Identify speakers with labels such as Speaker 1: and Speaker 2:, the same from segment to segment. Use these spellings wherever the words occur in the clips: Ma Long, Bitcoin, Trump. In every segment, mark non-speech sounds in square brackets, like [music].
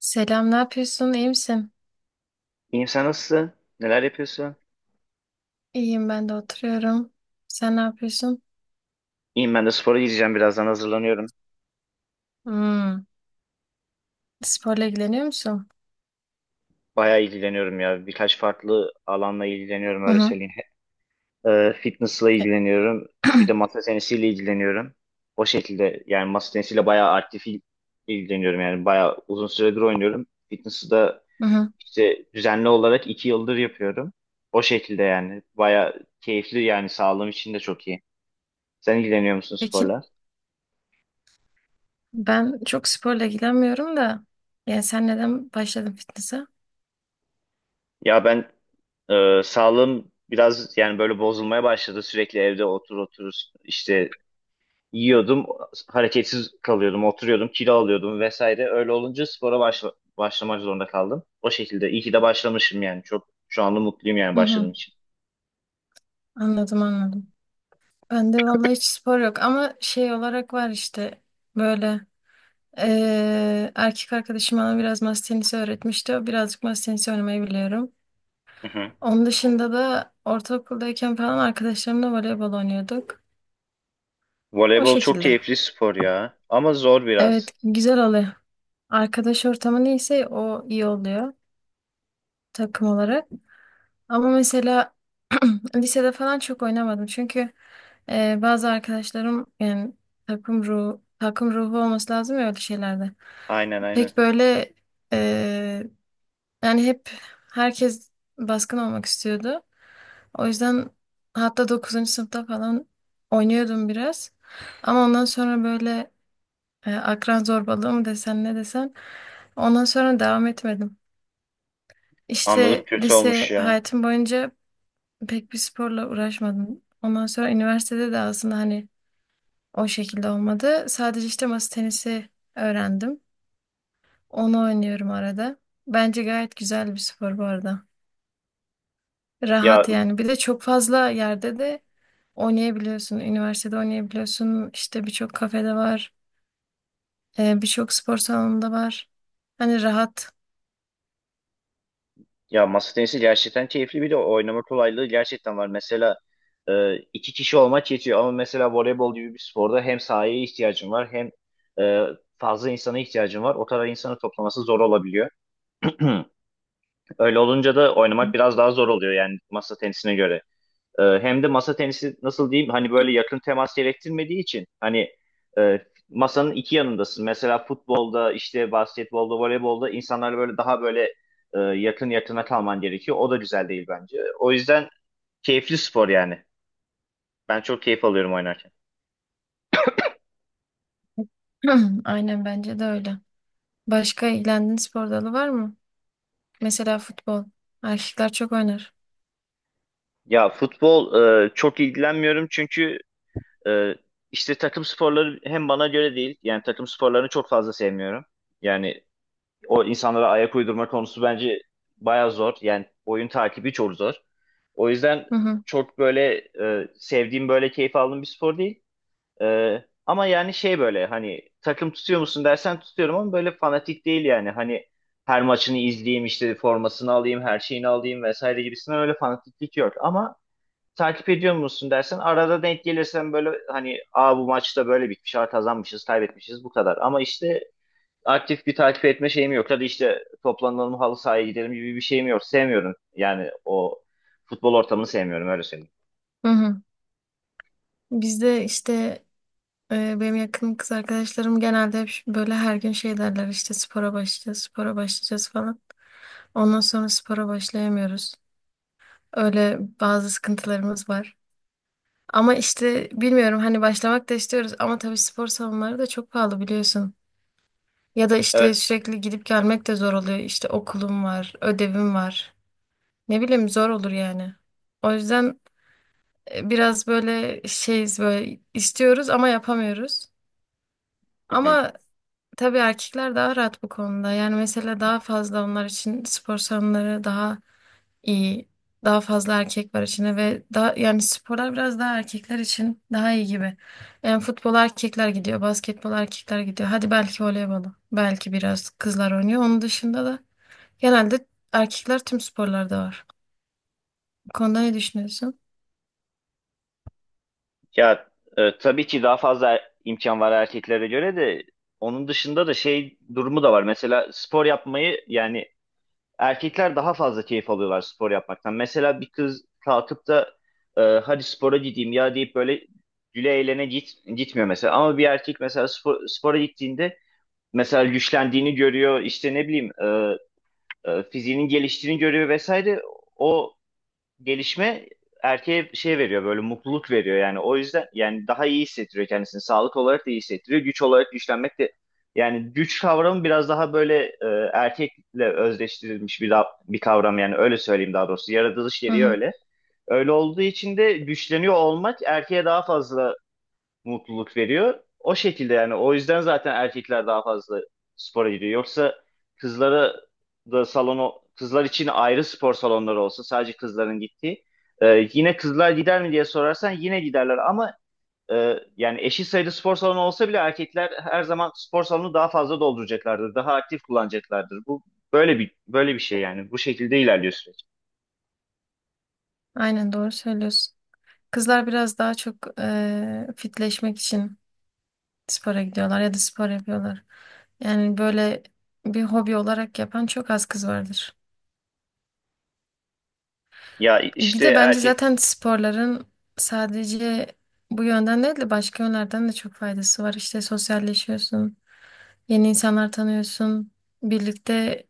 Speaker 1: Selam, ne yapıyorsun? İyi misin?
Speaker 2: İyiyim sen nasılsın? Neler yapıyorsun?
Speaker 1: İyiyim, ben de oturuyorum. Sen ne yapıyorsun?
Speaker 2: İyiyim ben de spora gideceğim birazdan hazırlanıyorum.
Speaker 1: Hmm, sporla ilgileniyor musun?
Speaker 2: Bayağı ilgileniyorum ya. Birkaç farklı alanla ilgileniyorum
Speaker 1: Hı
Speaker 2: öyle
Speaker 1: hı.
Speaker 2: söyleyeyim. Fitness'la
Speaker 1: E,
Speaker 2: ilgileniyorum. Bir de masa tenisiyle ilgileniyorum. O şekilde yani masa tenisiyle bayağı aktif ilgileniyorum. Yani bayağı uzun süredir oynuyorum. Fitness'ı da
Speaker 1: hı hı.
Speaker 2: işte düzenli olarak 2 yıldır yapıyorum. O şekilde yani. Bayağı keyifli yani sağlığım için de çok iyi. Sen ilgileniyor musun
Speaker 1: Peki,
Speaker 2: sporla?
Speaker 1: ben çok sporla ilgilenmiyorum da. Yani sen neden başladın fitness'a?
Speaker 2: Ya ben, sağlığım biraz yani böyle bozulmaya başladı. Sürekli evde otur otur işte yiyordum, hareketsiz kalıyordum, oturuyordum, kilo alıyordum vesaire. Öyle olunca spora başlamak zorunda kaldım. O şekilde iyi ki de başlamışım yani. Çok şu anda mutluyum yani
Speaker 1: Hı
Speaker 2: başladığım
Speaker 1: hı.
Speaker 2: için.
Speaker 1: Anladım, anladım. Ben de vallahi hiç spor yok ama şey olarak var işte böyle erkek arkadaşım bana biraz masa tenisi öğretmişti. O birazcık masa tenisi oynamayı biliyorum.
Speaker 2: Hı hı.
Speaker 1: Onun dışında da ortaokuldayken falan arkadaşlarımla voleybol oynuyorduk. O
Speaker 2: Voleybol çok
Speaker 1: şekilde.
Speaker 2: keyifli spor ya. Ama zor
Speaker 1: Evet,
Speaker 2: biraz.
Speaker 1: güzel oluyor. Arkadaş ortamı neyse o iyi oluyor takım olarak. Ama mesela [clears throat] lisede falan çok oynamadım. Çünkü bazı arkadaşlarım yani takım ruhu olması lazım ya öyle şeylerde.
Speaker 2: Aynen aynen.
Speaker 1: Pek böyle e, yani hep herkes baskın olmak istiyordu. O yüzden hatta 9. sınıfta falan oynuyordum biraz. Ama ondan sonra böyle akran zorbalığı mı desen ne desen. Ondan sonra devam etmedim.
Speaker 2: Anladım,
Speaker 1: İşte
Speaker 2: kötü olmuş
Speaker 1: lise
Speaker 2: ya.
Speaker 1: hayatım boyunca pek bir sporla uğraşmadım. Ondan sonra üniversitede de aslında hani o şekilde olmadı. Sadece işte masa tenisi öğrendim. Onu oynuyorum arada. Bence gayet güzel bir spor bu arada.
Speaker 2: Ya
Speaker 1: Rahat yani. Bir de çok fazla yerde de oynayabiliyorsun. Üniversitede oynayabiliyorsun. İşte birçok kafede var. Birçok spor salonunda var. Hani rahat.
Speaker 2: Ya, masa tenisi gerçekten keyifli, bir de oynama kolaylığı gerçekten var. Mesela iki kişi olmak yetiyor, ama mesela voleybol gibi bir sporda hem sahaya ihtiyacın var, hem e, fazla insana ihtiyacın var. O kadar insanı toplaması zor olabiliyor. [clears throat] Öyle olunca da oynamak biraz daha zor oluyor yani masa tenisine göre. Hem de masa tenisi nasıl diyeyim hani böyle yakın temas gerektirmediği için, hani e, masanın iki yanındasın. Mesela futbolda işte, basketbolda, voleybolda insanlarla böyle daha böyle yakın yakına kalman gerekiyor. O da güzel değil bence. O yüzden keyifli spor yani. Ben çok keyif alıyorum oynarken.
Speaker 1: [clears throat] Aynen bence de öyle. Başka ilgilendiğin spor dalı var mı? Mesela futbol. Erkekler çok oynar.
Speaker 2: Ya, futbol çok ilgilenmiyorum, çünkü e, işte takım sporları hem bana göre değil. Yani takım sporlarını çok fazla sevmiyorum. Yani o insanlara ayak uydurma konusu bence bayağı zor. Yani oyun takibi çok zor. O yüzden
Speaker 1: Hı hı.
Speaker 2: çok böyle sevdiğim, böyle keyif aldığım bir spor değil. E, ama yani şey, böyle hani takım tutuyor musun dersen tutuyorum ama böyle fanatik değil yani. Hani her maçını izleyeyim, işte formasını alayım, her şeyini alayım vesaire gibisinden öyle fanatiklik yok. Ama takip ediyor musun dersen arada denk gelirsen böyle hani, aa bu maçta böyle bitmiş, aa kazanmışız, kaybetmişiz, bu kadar. Ama işte aktif bir takip etme şeyim yok. Hadi işte toplanalım halı sahaya gidelim gibi bir şeyim yok. Sevmiyorum. Yani o futbol ortamını sevmiyorum öyle söyleyeyim.
Speaker 1: Hı hı. Bizde işte benim yakın kız arkadaşlarım genelde hep böyle her gün şey derler işte spora başlayacağız falan. Ondan sonra spora başlayamıyoruz. Öyle bazı sıkıntılarımız var. Ama işte bilmiyorum hani başlamak da istiyoruz ama tabii spor salonları da çok pahalı biliyorsun. Ya da işte
Speaker 2: Evet.
Speaker 1: sürekli gidip gelmek de zor oluyor. İşte okulum var, ödevim var. Ne bileyim zor olur yani. O yüzden biraz böyle şeyiz böyle istiyoruz ama yapamıyoruz.
Speaker 2: Hı hı.
Speaker 1: Ama tabii erkekler daha rahat bu konuda. Yani mesela daha fazla onlar için spor salonları daha iyi. Daha fazla erkek var içinde ve daha yani sporlar biraz daha erkekler için daha iyi gibi. Yani futbol erkekler gidiyor, basketbol erkekler gidiyor. Hadi belki voleybolu. Belki biraz kızlar oynuyor. Onun dışında da genelde erkekler tüm sporlarda var. Bu konuda ne düşünüyorsun?
Speaker 2: Ya, tabii ki daha fazla imkan var erkeklere göre, de onun dışında da şey durumu da var. Mesela spor yapmayı yani erkekler daha fazla keyif alıyorlar spor yapmaktan. Mesela bir kız kalkıp da hadi spora gideyim ya deyip böyle güle eğlene git, gitmiyor mesela. Ama bir erkek mesela spora gittiğinde mesela güçlendiğini görüyor, işte ne bileyim, fiziğinin geliştiğini görüyor vesaire. O gelişme erkeğe şey veriyor, böyle mutluluk veriyor yani. O yüzden yani daha iyi hissettiriyor kendisini, sağlık olarak da iyi hissettiriyor, güç olarak güçlenmek de yani, güç kavramı biraz daha böyle erkekle özdeştirilmiş bir kavram yani, öyle söyleyeyim. Daha doğrusu yaratılış gereği öyle. Öyle olduğu için de güçleniyor olmak erkeğe daha fazla mutluluk veriyor. O şekilde yani, o yüzden zaten erkekler daha fazla spora gidiyor. Yoksa kızlara da, salonu kızlar için ayrı spor salonları olsa, sadece kızların gittiği, yine kızlar gider mi diye sorarsan yine giderler, ama yani eşit sayıda spor salonu olsa bile erkekler her zaman spor salonunu daha fazla dolduracaklardır. Daha aktif kullanacaklardır. Bu böyle bir şey yani. Bu şekilde ilerliyor süreç.
Speaker 1: Aynen doğru söylüyorsun. Kızlar biraz daha çok fitleşmek için spora gidiyorlar ya da spor yapıyorlar. Yani böyle bir hobi olarak yapan çok az kız vardır.
Speaker 2: Ya
Speaker 1: Bir
Speaker 2: işte
Speaker 1: de bence
Speaker 2: erkek.
Speaker 1: zaten sporların sadece bu yönden değil de başka yönlerden de çok faydası var. İşte sosyalleşiyorsun, yeni insanlar tanıyorsun, birlikte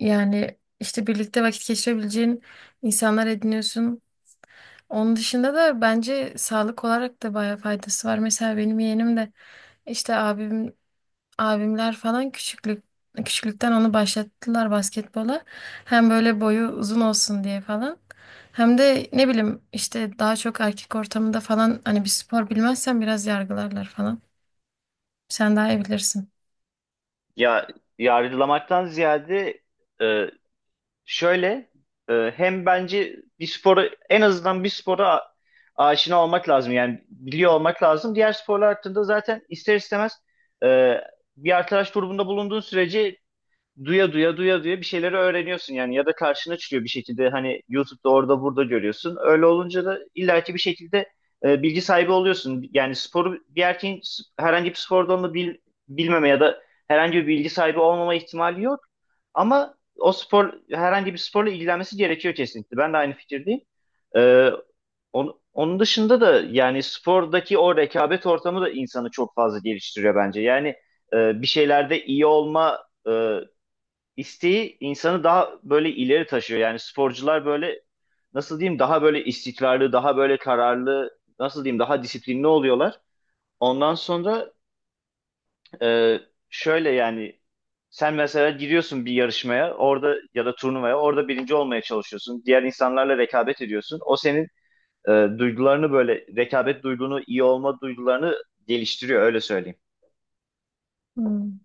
Speaker 1: yani işte birlikte vakit geçirebileceğin insanlar ediniyorsun. Onun dışında da bence sağlık olarak da bayağı faydası var. Mesela benim yeğenim de işte abimler falan küçüklükten onu başlattılar basketbola. Hem böyle boyu uzun olsun diye falan. Hem de ne bileyim işte daha çok erkek ortamında falan hani bir spor bilmezsen biraz yargılarlar falan. Sen daha iyi bilirsin.
Speaker 2: Ya, yargılamaktan ziyade, e, şöyle, hem bence bir sporu en azından, bir aşina olmak lazım. Yani biliyor olmak lazım. Diğer sporlar hakkında zaten ister istemez, e, bir arkadaş grubunda bulunduğun sürece, duya duya duya duya bir şeyleri öğreniyorsun yani, ya da karşına çıkıyor bir şekilde hani, YouTube'da orada burada görüyorsun. Öyle olunca da illaki bir şekilde bilgi sahibi oluyorsun. Yani sporu, bir erkeğin herhangi bir spor bilmeme ya da herhangi bir bilgi sahibi olmama ihtimali yok. Ama o, spor herhangi bir sporla ilgilenmesi gerekiyor kesinlikle. Ben de aynı fikirdeyim. E, onun dışında da yani, spordaki o rekabet ortamı da insanı çok fazla geliştiriyor bence. Yani bir şeylerde iyi olma e, isteği insanı daha böyle ileri taşıyor. Yani sporcular böyle nasıl diyeyim, daha böyle istikrarlı, daha böyle kararlı, nasıl diyeyim, daha disiplinli oluyorlar. Ondan sonra e, şöyle yani, sen mesela giriyorsun bir yarışmaya, orada, ya da turnuvaya, orada birinci olmaya çalışıyorsun. Diğer insanlarla rekabet ediyorsun. O senin e, duygularını, böyle rekabet duygunu, iyi olma duygularını geliştiriyor öyle söyleyeyim.
Speaker 1: Hmm.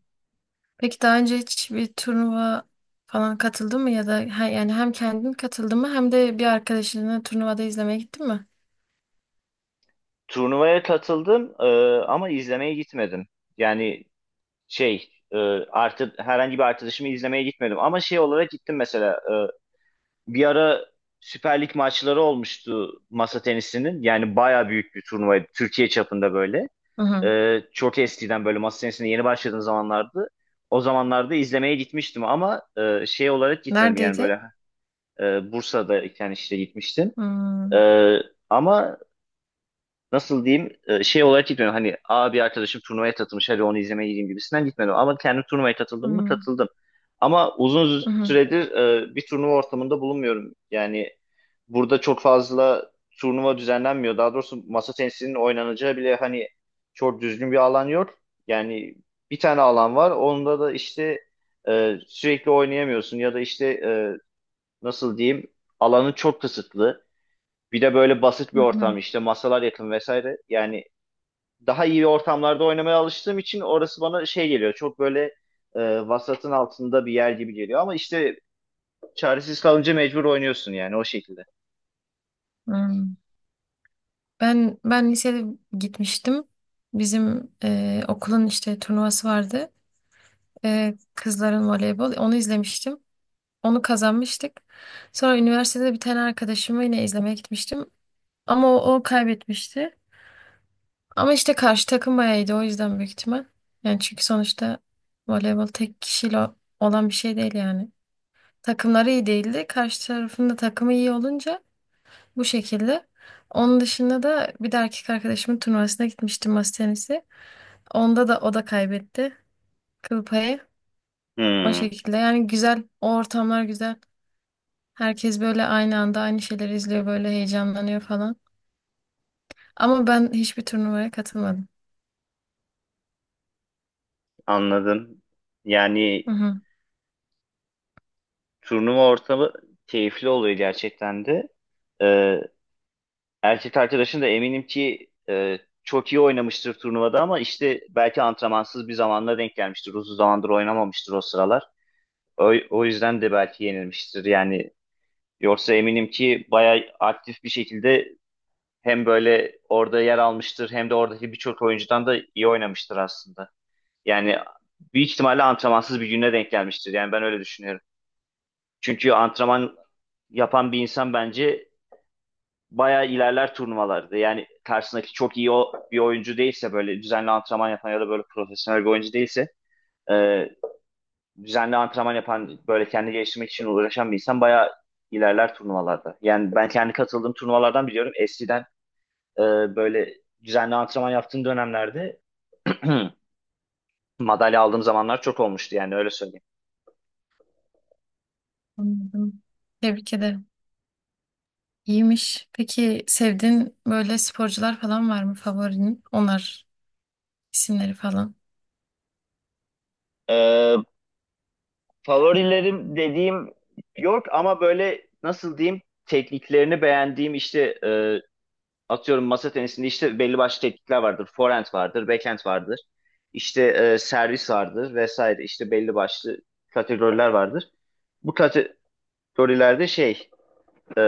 Speaker 1: Peki daha önce hiç bir turnuva falan katıldın mı ya da yani hem kendin katıldın mı hem de bir arkadaşınla turnuvada izlemeye gittin mi?
Speaker 2: Turnuvaya katıldım, ama izlemeye gitmedim. Yani şey, artı, herhangi bir arkadaşımı izlemeye gitmedim, ama şey olarak gittim mesela. Bir ara Süper Lig maçları olmuştu masa tenisinin, yani baya büyük bir turnuvaydı Türkiye çapında böyle.
Speaker 1: Hı hı.
Speaker 2: Çok eskiden, böyle masa tenisine yeni başladığım zamanlardı, o zamanlarda izlemeye gitmiştim, ama şey olarak gitmedim yani,
Speaker 1: Neredeydi?
Speaker 2: böyle Bursa'da iken işte gitmiştim. E,
Speaker 1: Hmm,
Speaker 2: ama nasıl diyeyim, şey olarak gitmedim. Hani, aa bir arkadaşım turnuvaya katılmış, hadi onu izlemeye gideyim gibisinden gitmedim. Ama kendim turnuvaya katıldım mı,
Speaker 1: hmm,
Speaker 2: katıldım. Ama uzun
Speaker 1: hmm,
Speaker 2: süredir bir turnuva ortamında bulunmuyorum. Yani burada çok fazla turnuva düzenlenmiyor. Daha doğrusu masa tenisinin oynanacağı bile hani çok düzgün bir alan yok. Yani bir tane alan var. Onda da işte sürekli oynayamıyorsun, ya da işte, nasıl diyeyim, alanı çok kısıtlı. Bir de böyle basit bir
Speaker 1: hmm,
Speaker 2: ortam, işte masalar yakın vesaire. Yani daha iyi ortamlarda oynamaya alıştığım için orası bana şey geliyor, çok böyle e, vasatın altında bir yer gibi geliyor. Ama işte çaresiz kalınca mecbur oynuyorsun yani, o şekilde.
Speaker 1: hmm. Ben lisede gitmiştim. Bizim okulun işte turnuvası vardı. E, kızların voleybol. Onu izlemiştim. Onu kazanmıştık. Sonra üniversitede bir tane arkadaşımı yine izlemeye gitmiştim. Ama o kaybetmişti. Ama işte karşı takım bayağı iyiydi, o yüzden büyük ihtimal. Yani çünkü sonuçta voleybol tek kişiyle olan bir şey değil yani. Takımları iyi değildi. Karşı tarafın da takımı iyi olunca bu şekilde. Onun dışında da bir de erkek arkadaşımın turnuvasına gitmiştim masa tenisi. Onda da o da kaybetti kıl payı. O
Speaker 2: Hmm,
Speaker 1: şekilde yani güzel, o ortamlar güzel. Herkes böyle aynı anda aynı şeyleri izliyor, böyle heyecanlanıyor falan. Ama ben hiçbir turnuvaya katılmadım.
Speaker 2: anladım.
Speaker 1: Hı
Speaker 2: Yani
Speaker 1: hı,
Speaker 2: turnuva ortamı keyifli oluyor gerçekten de. E, erkek arkadaşın da eminim ki çok iyi oynamıştır turnuvada, ama işte belki antrenmansız bir zamanla denk gelmiştir. Uzun zamandır oynamamıştır o sıralar. O yüzden de belki yenilmiştir. Yani yoksa eminim ki bayağı aktif bir şekilde hem böyle orada yer almıştır, hem de oradaki birçok oyuncudan da iyi oynamıştır aslında. Yani büyük ihtimalle antrenmansız bir güne denk gelmiştir. Yani ben öyle düşünüyorum. Çünkü antrenman yapan bir insan bence bayağı ilerler turnuvalarda. Yani karşısındaki çok iyi bir oyuncu değilse, böyle düzenli antrenman yapan ya da böyle profesyonel bir oyuncu değilse, e, düzenli antrenman yapan, böyle kendi geliştirmek için uğraşan bir insan bayağı ilerler turnuvalarda. Yani ben kendi katıldığım turnuvalardan biliyorum. Eskiden, Ee, böyle düzenli antrenman yaptığım dönemlerde [clears throat] madalya aldığım zamanlar çok olmuştu yani, öyle söyleyeyim.
Speaker 1: anladım. Tebrik ederim. İyiymiş. Peki sevdiğin böyle sporcular falan var mı favorinin? Onlar isimleri falan.
Speaker 2: Ee, favorilerim dediğim yok, ama böyle nasıl diyeyim, tekniklerini beğendiğim, işte atıyorum masa tenisinde işte belli başlı teknikler vardır. Forehand vardır, backhand vardır. İşte servis vardır vesaire, işte belli başlı kategoriler vardır. Bu kategorilerde e,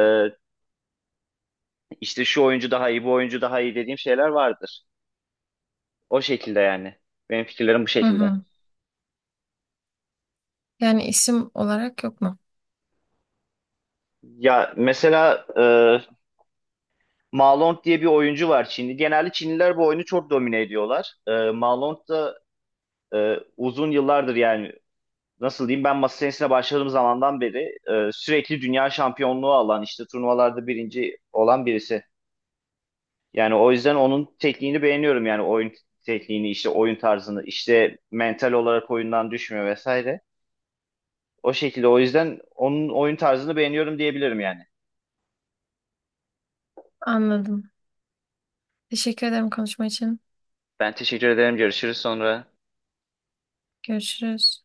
Speaker 2: işte şu oyuncu daha iyi, bu oyuncu daha iyi dediğim şeyler vardır. O şekilde yani. Benim fikirlerim bu
Speaker 1: Hı
Speaker 2: şekilde.
Speaker 1: hı. Yani isim olarak yok mu?
Speaker 2: Ya mesela Ma Long diye bir oyuncu var, Çinli. Genelde Çinliler bu oyunu çok domine ediyorlar. Ma Long da uzun yıllardır, yani nasıl diyeyim, ben masa tenisine başladığım zamandan beri sürekli dünya şampiyonluğu alan, işte turnuvalarda birinci olan birisi. Yani o yüzden onun tekniğini beğeniyorum yani, oyun tekniğini, işte oyun tarzını işte, mental olarak oyundan düşmüyor vesaire. O şekilde, o yüzden onun oyun tarzını beğeniyorum diyebilirim yani.
Speaker 1: Anladım. Teşekkür ederim konuşma için.
Speaker 2: Ben teşekkür ederim. Görüşürüz sonra.
Speaker 1: Görüşürüz.